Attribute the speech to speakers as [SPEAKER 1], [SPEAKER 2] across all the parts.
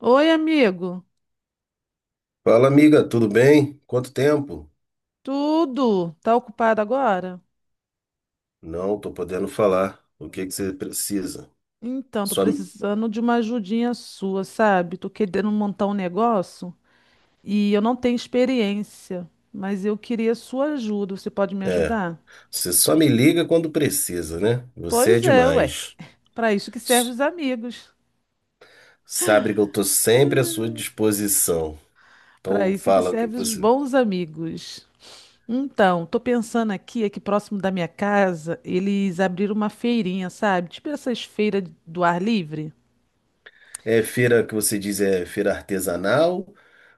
[SPEAKER 1] Oi, amigo.
[SPEAKER 2] Fala, amiga, tudo bem? Quanto tempo?
[SPEAKER 1] Tudo? Tá ocupado agora?
[SPEAKER 2] Não, tô podendo falar. O que que você precisa?
[SPEAKER 1] Então, tô
[SPEAKER 2] Só,
[SPEAKER 1] precisando de uma ajudinha sua, sabe? Tô querendo montar um negócio e eu não tenho experiência, mas eu queria sua ajuda. Você pode me
[SPEAKER 2] é,
[SPEAKER 1] ajudar?
[SPEAKER 2] você só me liga quando precisa, né? Você é
[SPEAKER 1] Pois é, ué.
[SPEAKER 2] demais.
[SPEAKER 1] Pra isso que servem
[SPEAKER 2] S-
[SPEAKER 1] os amigos.
[SPEAKER 2] Sabe que eu tô sempre à sua disposição.
[SPEAKER 1] Pra
[SPEAKER 2] Então
[SPEAKER 1] isso que
[SPEAKER 2] fala o que que
[SPEAKER 1] servem os
[SPEAKER 2] você.
[SPEAKER 1] bons amigos. Então, tô pensando aqui, próximo da minha casa, eles abriram uma feirinha, sabe? Tipo essas feiras do ar livre.
[SPEAKER 2] É feira que você diz é feira artesanal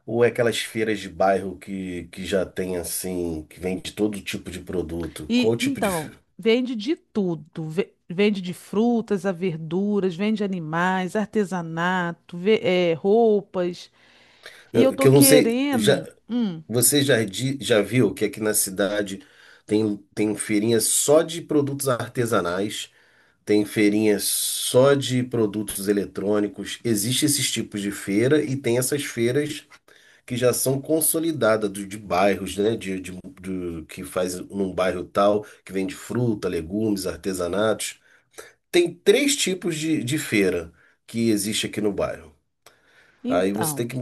[SPEAKER 2] ou é aquelas feiras de bairro que já tem assim, que vende todo tipo de produto? Qual
[SPEAKER 1] E
[SPEAKER 2] o tipo de
[SPEAKER 1] então, vende de tudo. Vende de frutas a verduras, vende animais, artesanato, roupas. E eu tô
[SPEAKER 2] que eu não sei, já
[SPEAKER 1] querendo.
[SPEAKER 2] você já, já viu que aqui na cidade tem feirinha só de produtos artesanais, tem feirinha só de produtos eletrônicos, existe esses tipos de feira e tem essas feiras que já são consolidadas de bairros, né? Que faz num bairro tal, que vende fruta, legumes, artesanatos. Tem três tipos de feira que existe aqui no bairro. Aí você
[SPEAKER 1] Então.
[SPEAKER 2] tem que.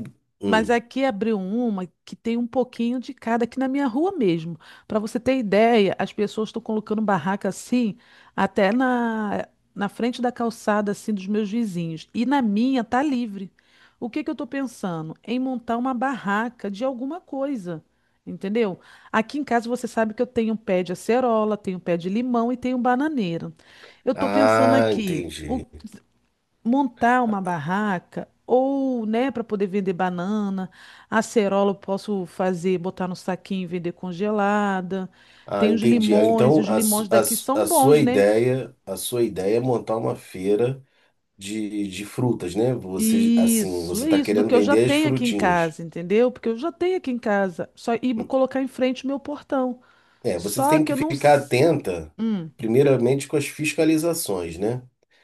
[SPEAKER 1] Mas
[SPEAKER 2] Hum.
[SPEAKER 1] aqui abriu uma que tem um pouquinho de cada aqui na minha rua mesmo. Para você ter ideia, as pessoas estão colocando barraca assim, até na frente da calçada assim dos meus vizinhos. E na minha tá livre. O que que eu estou pensando? Em montar uma barraca de alguma coisa, entendeu? Aqui em casa você sabe que eu tenho um pé de acerola, tenho um pé de limão e tenho um bananeira. Eu estou pensando
[SPEAKER 2] Ah,
[SPEAKER 1] aqui. O
[SPEAKER 2] entendi,
[SPEAKER 1] Montar uma barraca ou, né, para poder vender banana, acerola eu posso fazer, botar no saquinho e vender congelada.
[SPEAKER 2] Ah,
[SPEAKER 1] Tem os
[SPEAKER 2] entendi. Ah,
[SPEAKER 1] limões, e
[SPEAKER 2] então,
[SPEAKER 1] os limões daqui são bons, né?
[SPEAKER 2] a sua ideia é montar uma feira de frutas, né? Você, assim,
[SPEAKER 1] Isso,
[SPEAKER 2] você
[SPEAKER 1] é
[SPEAKER 2] está
[SPEAKER 1] isso do
[SPEAKER 2] querendo
[SPEAKER 1] que eu já
[SPEAKER 2] vender as
[SPEAKER 1] tenho aqui em
[SPEAKER 2] frutinhas.
[SPEAKER 1] casa, entendeu? Porque eu já tenho aqui em casa, só ir colocar em frente o meu portão.
[SPEAKER 2] É, você
[SPEAKER 1] Só
[SPEAKER 2] tem
[SPEAKER 1] que
[SPEAKER 2] que
[SPEAKER 1] eu não.
[SPEAKER 2] ficar atenta,
[SPEAKER 1] Hum.
[SPEAKER 2] primeiramente, com as fiscalizações, né?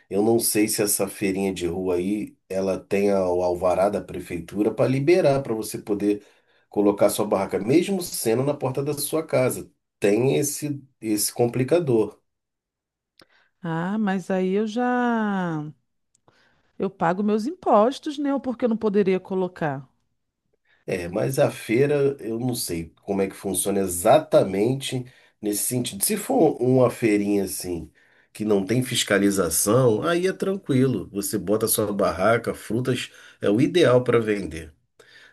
[SPEAKER 2] Eu não sei se essa feirinha de rua aí, ela tem o alvará da prefeitura para liberar, para você poder colocar sua barraca, mesmo sendo na porta da sua casa. Tem esse complicador.
[SPEAKER 1] Ah, mas aí eu já. Eu pago meus impostos, né? Porque eu não poderia colocar.
[SPEAKER 2] É, mas a feira, eu não sei como é que funciona exatamente nesse sentido. Se for um, uma feirinha assim, que não tem fiscalização, aí é tranquilo. Você bota sua barraca, frutas, é o ideal para vender.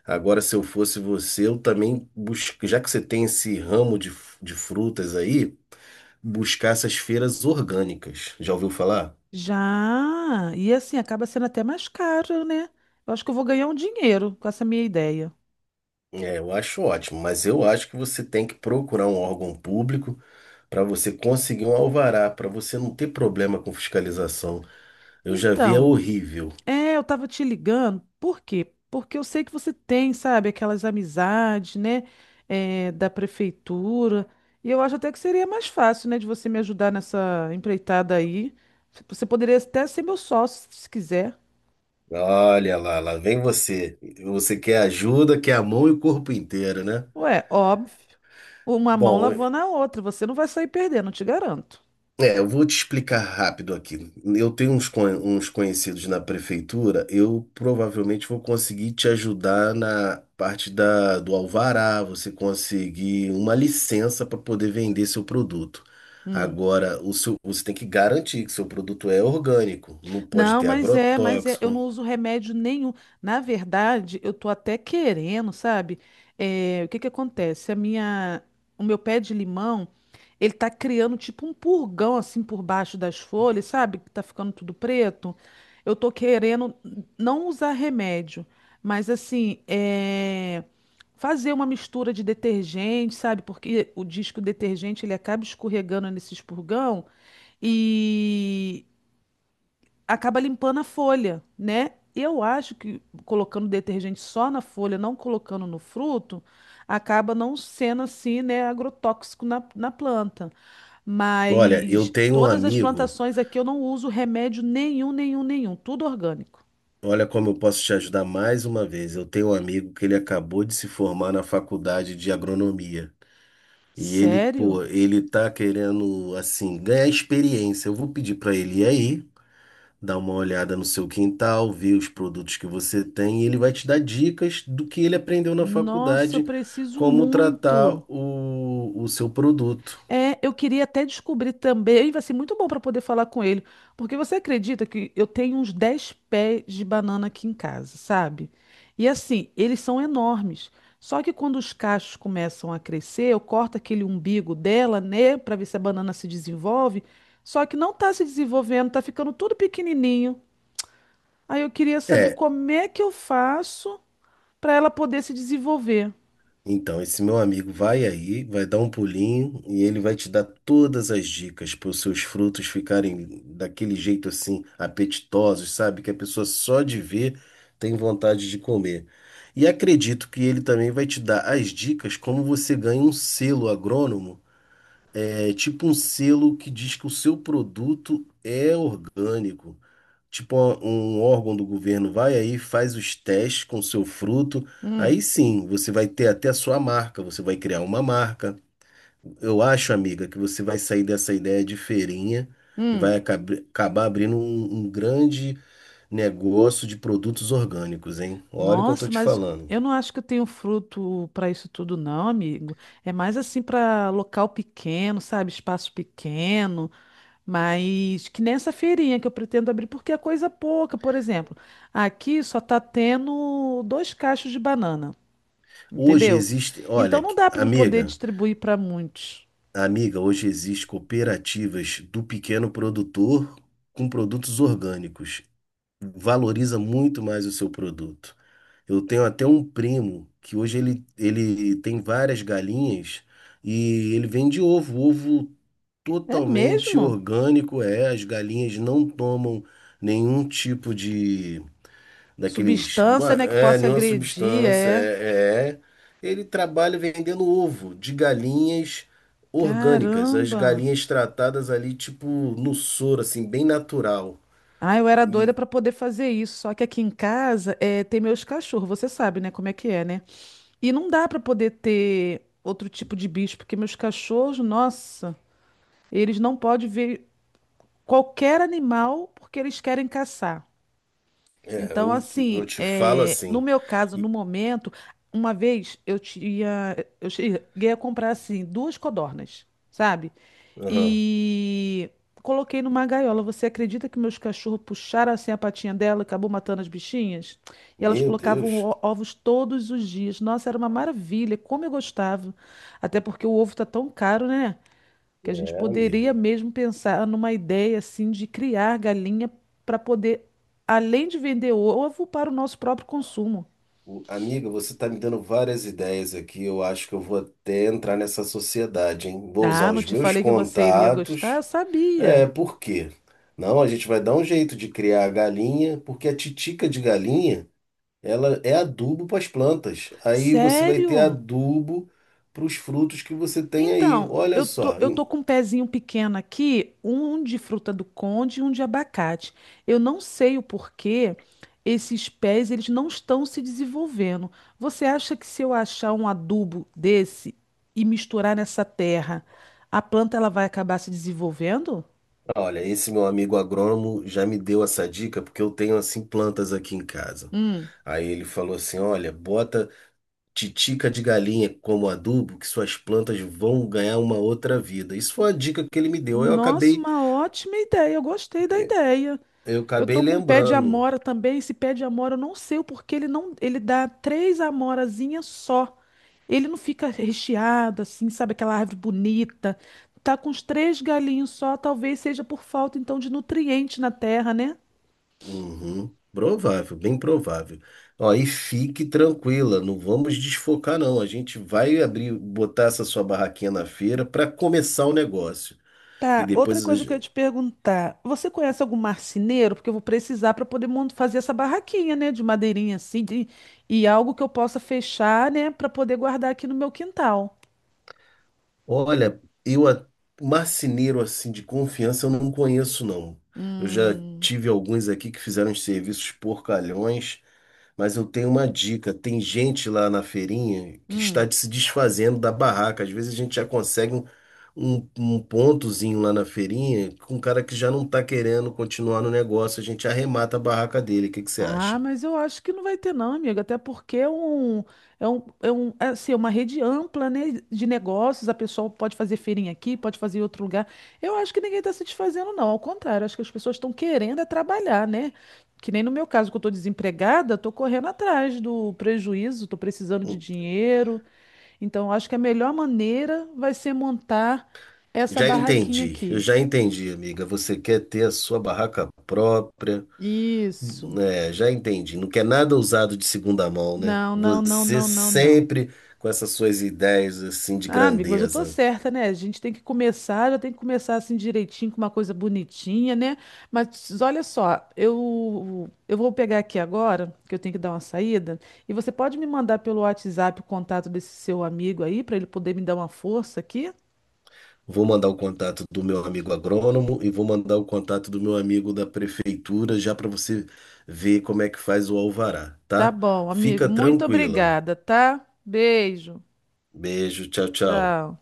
[SPEAKER 2] Agora, se eu fosse você, eu também busco, já que você tem esse ramo de frutas aí, buscar essas feiras orgânicas. Já ouviu falar?
[SPEAKER 1] Já. E assim, acaba sendo até mais caro, né? Eu acho que eu vou ganhar um dinheiro com essa minha ideia.
[SPEAKER 2] É, eu acho ótimo, mas eu acho que você tem que procurar um órgão público para você conseguir um alvará, para você não ter problema com fiscalização. Eu já vi, é
[SPEAKER 1] Então,
[SPEAKER 2] horrível.
[SPEAKER 1] é, eu tava te ligando, por quê? Porque eu sei que você tem, sabe, aquelas amizades, né, é, da prefeitura. E eu acho até que seria mais fácil, né, de você me ajudar nessa empreitada aí. Você poderia até ser meu sócio, se quiser.
[SPEAKER 2] Olha lá, lá vem você. Você quer ajuda, quer a mão e o corpo inteiro, né?
[SPEAKER 1] Ué, óbvio. Uma mão
[SPEAKER 2] Bom,
[SPEAKER 1] lavando a outra. Você não vai sair perdendo, eu te garanto.
[SPEAKER 2] é, eu vou te explicar rápido aqui. Eu tenho uns, uns conhecidos na prefeitura, eu provavelmente vou conseguir te ajudar na parte do alvará, você conseguir uma licença para poder vender seu produto.
[SPEAKER 1] Hum.
[SPEAKER 2] Agora, o seu, você tem que garantir que seu produto é orgânico, não pode
[SPEAKER 1] Não,
[SPEAKER 2] ter
[SPEAKER 1] mas é, eu não
[SPEAKER 2] agrotóxico.
[SPEAKER 1] uso remédio nenhum. Na verdade, eu tô até querendo, sabe? É, o que que acontece? O meu pé de limão, ele tá criando tipo um purgão assim por baixo das folhas, sabe? Que tá ficando tudo preto. Eu tô querendo não usar remédio, mas assim, é, fazer uma mistura de detergente, sabe? Porque o disco detergente ele acaba escorregando nesses purgão. E acaba limpando a folha, né? Eu acho que colocando detergente só na folha, não colocando no fruto, acaba não sendo assim, né, agrotóxico na planta.
[SPEAKER 2] Olha, eu
[SPEAKER 1] Mas
[SPEAKER 2] tenho um
[SPEAKER 1] todas as
[SPEAKER 2] amigo,
[SPEAKER 1] plantações aqui eu não uso remédio nenhum, nenhum, nenhum, tudo orgânico.
[SPEAKER 2] olha como eu posso te ajudar mais uma vez. Eu tenho um amigo que ele acabou de se formar na faculdade de agronomia. E ele,
[SPEAKER 1] Sério?
[SPEAKER 2] pô, ele tá querendo, assim, ganhar experiência. Eu vou pedir pra ele ir aí, dar uma olhada no seu quintal, ver os produtos que você tem, e ele vai te dar dicas do que ele aprendeu na
[SPEAKER 1] Nossa, eu
[SPEAKER 2] faculdade,
[SPEAKER 1] preciso
[SPEAKER 2] como tratar
[SPEAKER 1] muito.
[SPEAKER 2] o seu produto.
[SPEAKER 1] É, eu queria até descobrir também, vai ser muito bom para poder falar com ele, porque você acredita que eu tenho uns 10 pés de banana aqui em casa, sabe? E assim, eles são enormes. Só que quando os cachos começam a crescer, eu corto aquele umbigo dela, né, para ver se a banana se desenvolve. Só que não tá se desenvolvendo, tá ficando tudo pequenininho. Aí eu queria saber
[SPEAKER 2] É
[SPEAKER 1] como é que eu faço para ela poder se desenvolver.
[SPEAKER 2] então, esse meu amigo vai aí, vai dar um pulinho e ele vai te dar todas as dicas para os seus frutos ficarem daquele jeito assim, apetitosos, sabe? Que a pessoa só de ver tem vontade de comer. E acredito que ele também vai te dar as dicas como você ganha um selo agrônomo. É tipo um selo que diz que o seu produto é orgânico, tipo um órgão do governo vai aí, faz os testes com o seu fruto. Aí
[SPEAKER 1] Hum,
[SPEAKER 2] sim, você vai ter até a sua marca, você vai criar uma marca. Eu acho, amiga, que você vai sair dessa ideia de feirinha e
[SPEAKER 1] hum.
[SPEAKER 2] vai acabar abrindo um, um grande negócio de produtos orgânicos, hein? Olha o que eu tô
[SPEAKER 1] Nossa,
[SPEAKER 2] te
[SPEAKER 1] mas
[SPEAKER 2] falando.
[SPEAKER 1] eu não acho que eu tenho fruto para isso tudo, não, amigo. É mais assim para local pequeno, sabe? Espaço pequeno, mas que nessa feirinha que eu pretendo abrir, porque é coisa pouca, por exemplo. Aqui só tá tendo dois cachos de banana,
[SPEAKER 2] Hoje
[SPEAKER 1] entendeu?
[SPEAKER 2] existe,
[SPEAKER 1] Então
[SPEAKER 2] olha,
[SPEAKER 1] não dá para me poder
[SPEAKER 2] amiga,
[SPEAKER 1] distribuir para muitos.
[SPEAKER 2] amiga, hoje existe cooperativas do pequeno produtor com produtos orgânicos, valoriza muito mais o seu produto. Eu tenho até um primo que hoje ele tem várias galinhas e ele vende ovo, ovo
[SPEAKER 1] É
[SPEAKER 2] totalmente
[SPEAKER 1] mesmo?
[SPEAKER 2] orgânico, é, as galinhas não tomam nenhum tipo de daqueles,
[SPEAKER 1] Substância, né, que
[SPEAKER 2] é,
[SPEAKER 1] possa
[SPEAKER 2] nenhuma
[SPEAKER 1] agredir,
[SPEAKER 2] substância,
[SPEAKER 1] é.
[SPEAKER 2] é. Ele trabalha vendendo ovo de galinhas orgânicas, as
[SPEAKER 1] Caramba!
[SPEAKER 2] galinhas tratadas ali tipo no soro, assim, bem natural.
[SPEAKER 1] Ah, eu era doida
[SPEAKER 2] E
[SPEAKER 1] pra poder fazer isso, só que aqui em casa é, tem meus cachorros, você sabe, né, como é que é, né? E não dá pra poder ter outro tipo de bicho, porque meus cachorros, nossa, eles não podem ver qualquer animal porque eles querem caçar.
[SPEAKER 2] é,
[SPEAKER 1] Então, assim,
[SPEAKER 2] eu te falo
[SPEAKER 1] é, no
[SPEAKER 2] assim.
[SPEAKER 1] meu caso, no
[SPEAKER 2] e-
[SPEAKER 1] momento, uma vez eu tinha, eu cheguei a comprar assim duas codornas, sabe?
[SPEAKER 2] Aham.
[SPEAKER 1] E coloquei numa gaiola. Você acredita que meus cachorros puxaram assim a patinha dela, e acabou matando as bichinhas? E elas
[SPEAKER 2] Meu
[SPEAKER 1] colocavam
[SPEAKER 2] Deus,
[SPEAKER 1] ovos todos os dias. Nossa, era uma maravilha, como eu gostava. Até porque o ovo tá tão caro, né? Que a gente
[SPEAKER 2] é,
[SPEAKER 1] poderia
[SPEAKER 2] amiga.
[SPEAKER 1] mesmo pensar numa ideia assim de criar galinha para poder, além de vender ovo, para o nosso próprio consumo.
[SPEAKER 2] Amiga, você está me dando várias ideias aqui. Eu acho que eu vou até entrar nessa sociedade, hein? Vou usar
[SPEAKER 1] Ah, não
[SPEAKER 2] os
[SPEAKER 1] te
[SPEAKER 2] meus
[SPEAKER 1] falei que você iria gostar?
[SPEAKER 2] contatos.
[SPEAKER 1] Eu
[SPEAKER 2] É,
[SPEAKER 1] sabia.
[SPEAKER 2] por quê? Não, a gente vai dar um jeito de criar a galinha, porque a titica de galinha, ela é adubo para as plantas. Aí você vai ter
[SPEAKER 1] Sério?
[SPEAKER 2] adubo para os frutos que você tem aí.
[SPEAKER 1] Então,
[SPEAKER 2] Olha
[SPEAKER 1] eu tô,
[SPEAKER 2] só,
[SPEAKER 1] eu tô com um pezinho pequeno aqui, um de fruta do conde e um de abacate. Eu não sei o porquê esses pés eles não estão se desenvolvendo. Você acha que se eu achar um adubo desse e misturar nessa terra, a planta ela vai acabar se desenvolvendo?
[SPEAKER 2] olha, esse meu amigo agrônomo já me deu essa dica porque eu tenho assim plantas aqui em casa.
[SPEAKER 1] Hum.
[SPEAKER 2] Aí ele falou assim: "Olha, bota titica de galinha como adubo que suas plantas vão ganhar uma outra vida". Isso foi uma dica que ele me deu.
[SPEAKER 1] Nossa, uma ótima ideia. Eu gostei da ideia.
[SPEAKER 2] Eu
[SPEAKER 1] Eu
[SPEAKER 2] acabei
[SPEAKER 1] tô com pé de
[SPEAKER 2] lembrando.
[SPEAKER 1] amora também. Esse pé de amora, eu não sei o porquê ele não, ele dá três amorazinhas só. Ele não fica recheado assim, sabe aquela árvore bonita. Tá com os três galinhos só, talvez seja por falta então de nutriente na terra, né?
[SPEAKER 2] Uhum, provável, bem provável. Ó, e fique tranquila, não vamos desfocar não. A gente vai abrir, botar essa sua barraquinha na feira para começar o negócio. E
[SPEAKER 1] Tá, outra
[SPEAKER 2] depois
[SPEAKER 1] coisa que eu ia te perguntar. Você conhece algum marceneiro? Porque eu vou precisar para poder fazer essa barraquinha, né, de madeirinha assim, e algo que eu possa fechar, né, para poder guardar aqui no meu quintal.
[SPEAKER 2] olha, marceneiro assim de confiança eu não conheço não. Eu já
[SPEAKER 1] Hum,
[SPEAKER 2] tive alguns aqui que fizeram uns serviços porcalhões, mas eu tenho uma dica. Tem gente lá na feirinha que está
[SPEAKER 1] hum.
[SPEAKER 2] se desfazendo da barraca. Às vezes a gente já consegue um, um pontozinho lá na feirinha com um cara que já não está querendo continuar no negócio. A gente arremata a barraca dele. O que que você
[SPEAKER 1] Ah,
[SPEAKER 2] acha?
[SPEAKER 1] mas eu acho que não vai ter não, amigo, até porque é um, assim, é uma rede ampla, né, de negócios, a pessoa pode fazer feirinha aqui, pode fazer em outro lugar. Eu acho que ninguém está se desfazendo não, ao contrário, acho que as pessoas estão querendo é trabalhar, né? Que nem no meu caso, que eu estou desempregada, estou correndo atrás do prejuízo, estou precisando de
[SPEAKER 2] Hum,
[SPEAKER 1] dinheiro, então eu acho que a melhor maneira vai ser montar essa
[SPEAKER 2] Já
[SPEAKER 1] barraquinha
[SPEAKER 2] entendi, eu
[SPEAKER 1] aqui.
[SPEAKER 2] já entendi, amiga. Você quer ter a sua barraca própria.
[SPEAKER 1] Isso.
[SPEAKER 2] É, já entendi. Não quer nada usado de segunda mão, né?
[SPEAKER 1] Não, não, não,
[SPEAKER 2] Você
[SPEAKER 1] não, não, não.
[SPEAKER 2] sempre com essas suas ideias assim de
[SPEAKER 1] Ah, amigo, mas eu tô
[SPEAKER 2] grandeza.
[SPEAKER 1] certa, né? A gente tem que começar, já tem que começar assim direitinho, com uma coisa bonitinha, né? Mas olha só, eu vou pegar aqui agora, que eu tenho que dar uma saída, e você pode me mandar pelo WhatsApp o contato desse seu amigo aí, pra ele poder me dar uma força aqui?
[SPEAKER 2] Vou mandar o contato do meu amigo agrônomo e vou mandar o contato do meu amigo da prefeitura já para você ver como é que faz o alvará,
[SPEAKER 1] Tá
[SPEAKER 2] tá?
[SPEAKER 1] bom, amigo,
[SPEAKER 2] Fica
[SPEAKER 1] muito
[SPEAKER 2] tranquila.
[SPEAKER 1] obrigada, tá? Beijo,
[SPEAKER 2] Beijo, tchau, tchau.
[SPEAKER 1] tchau.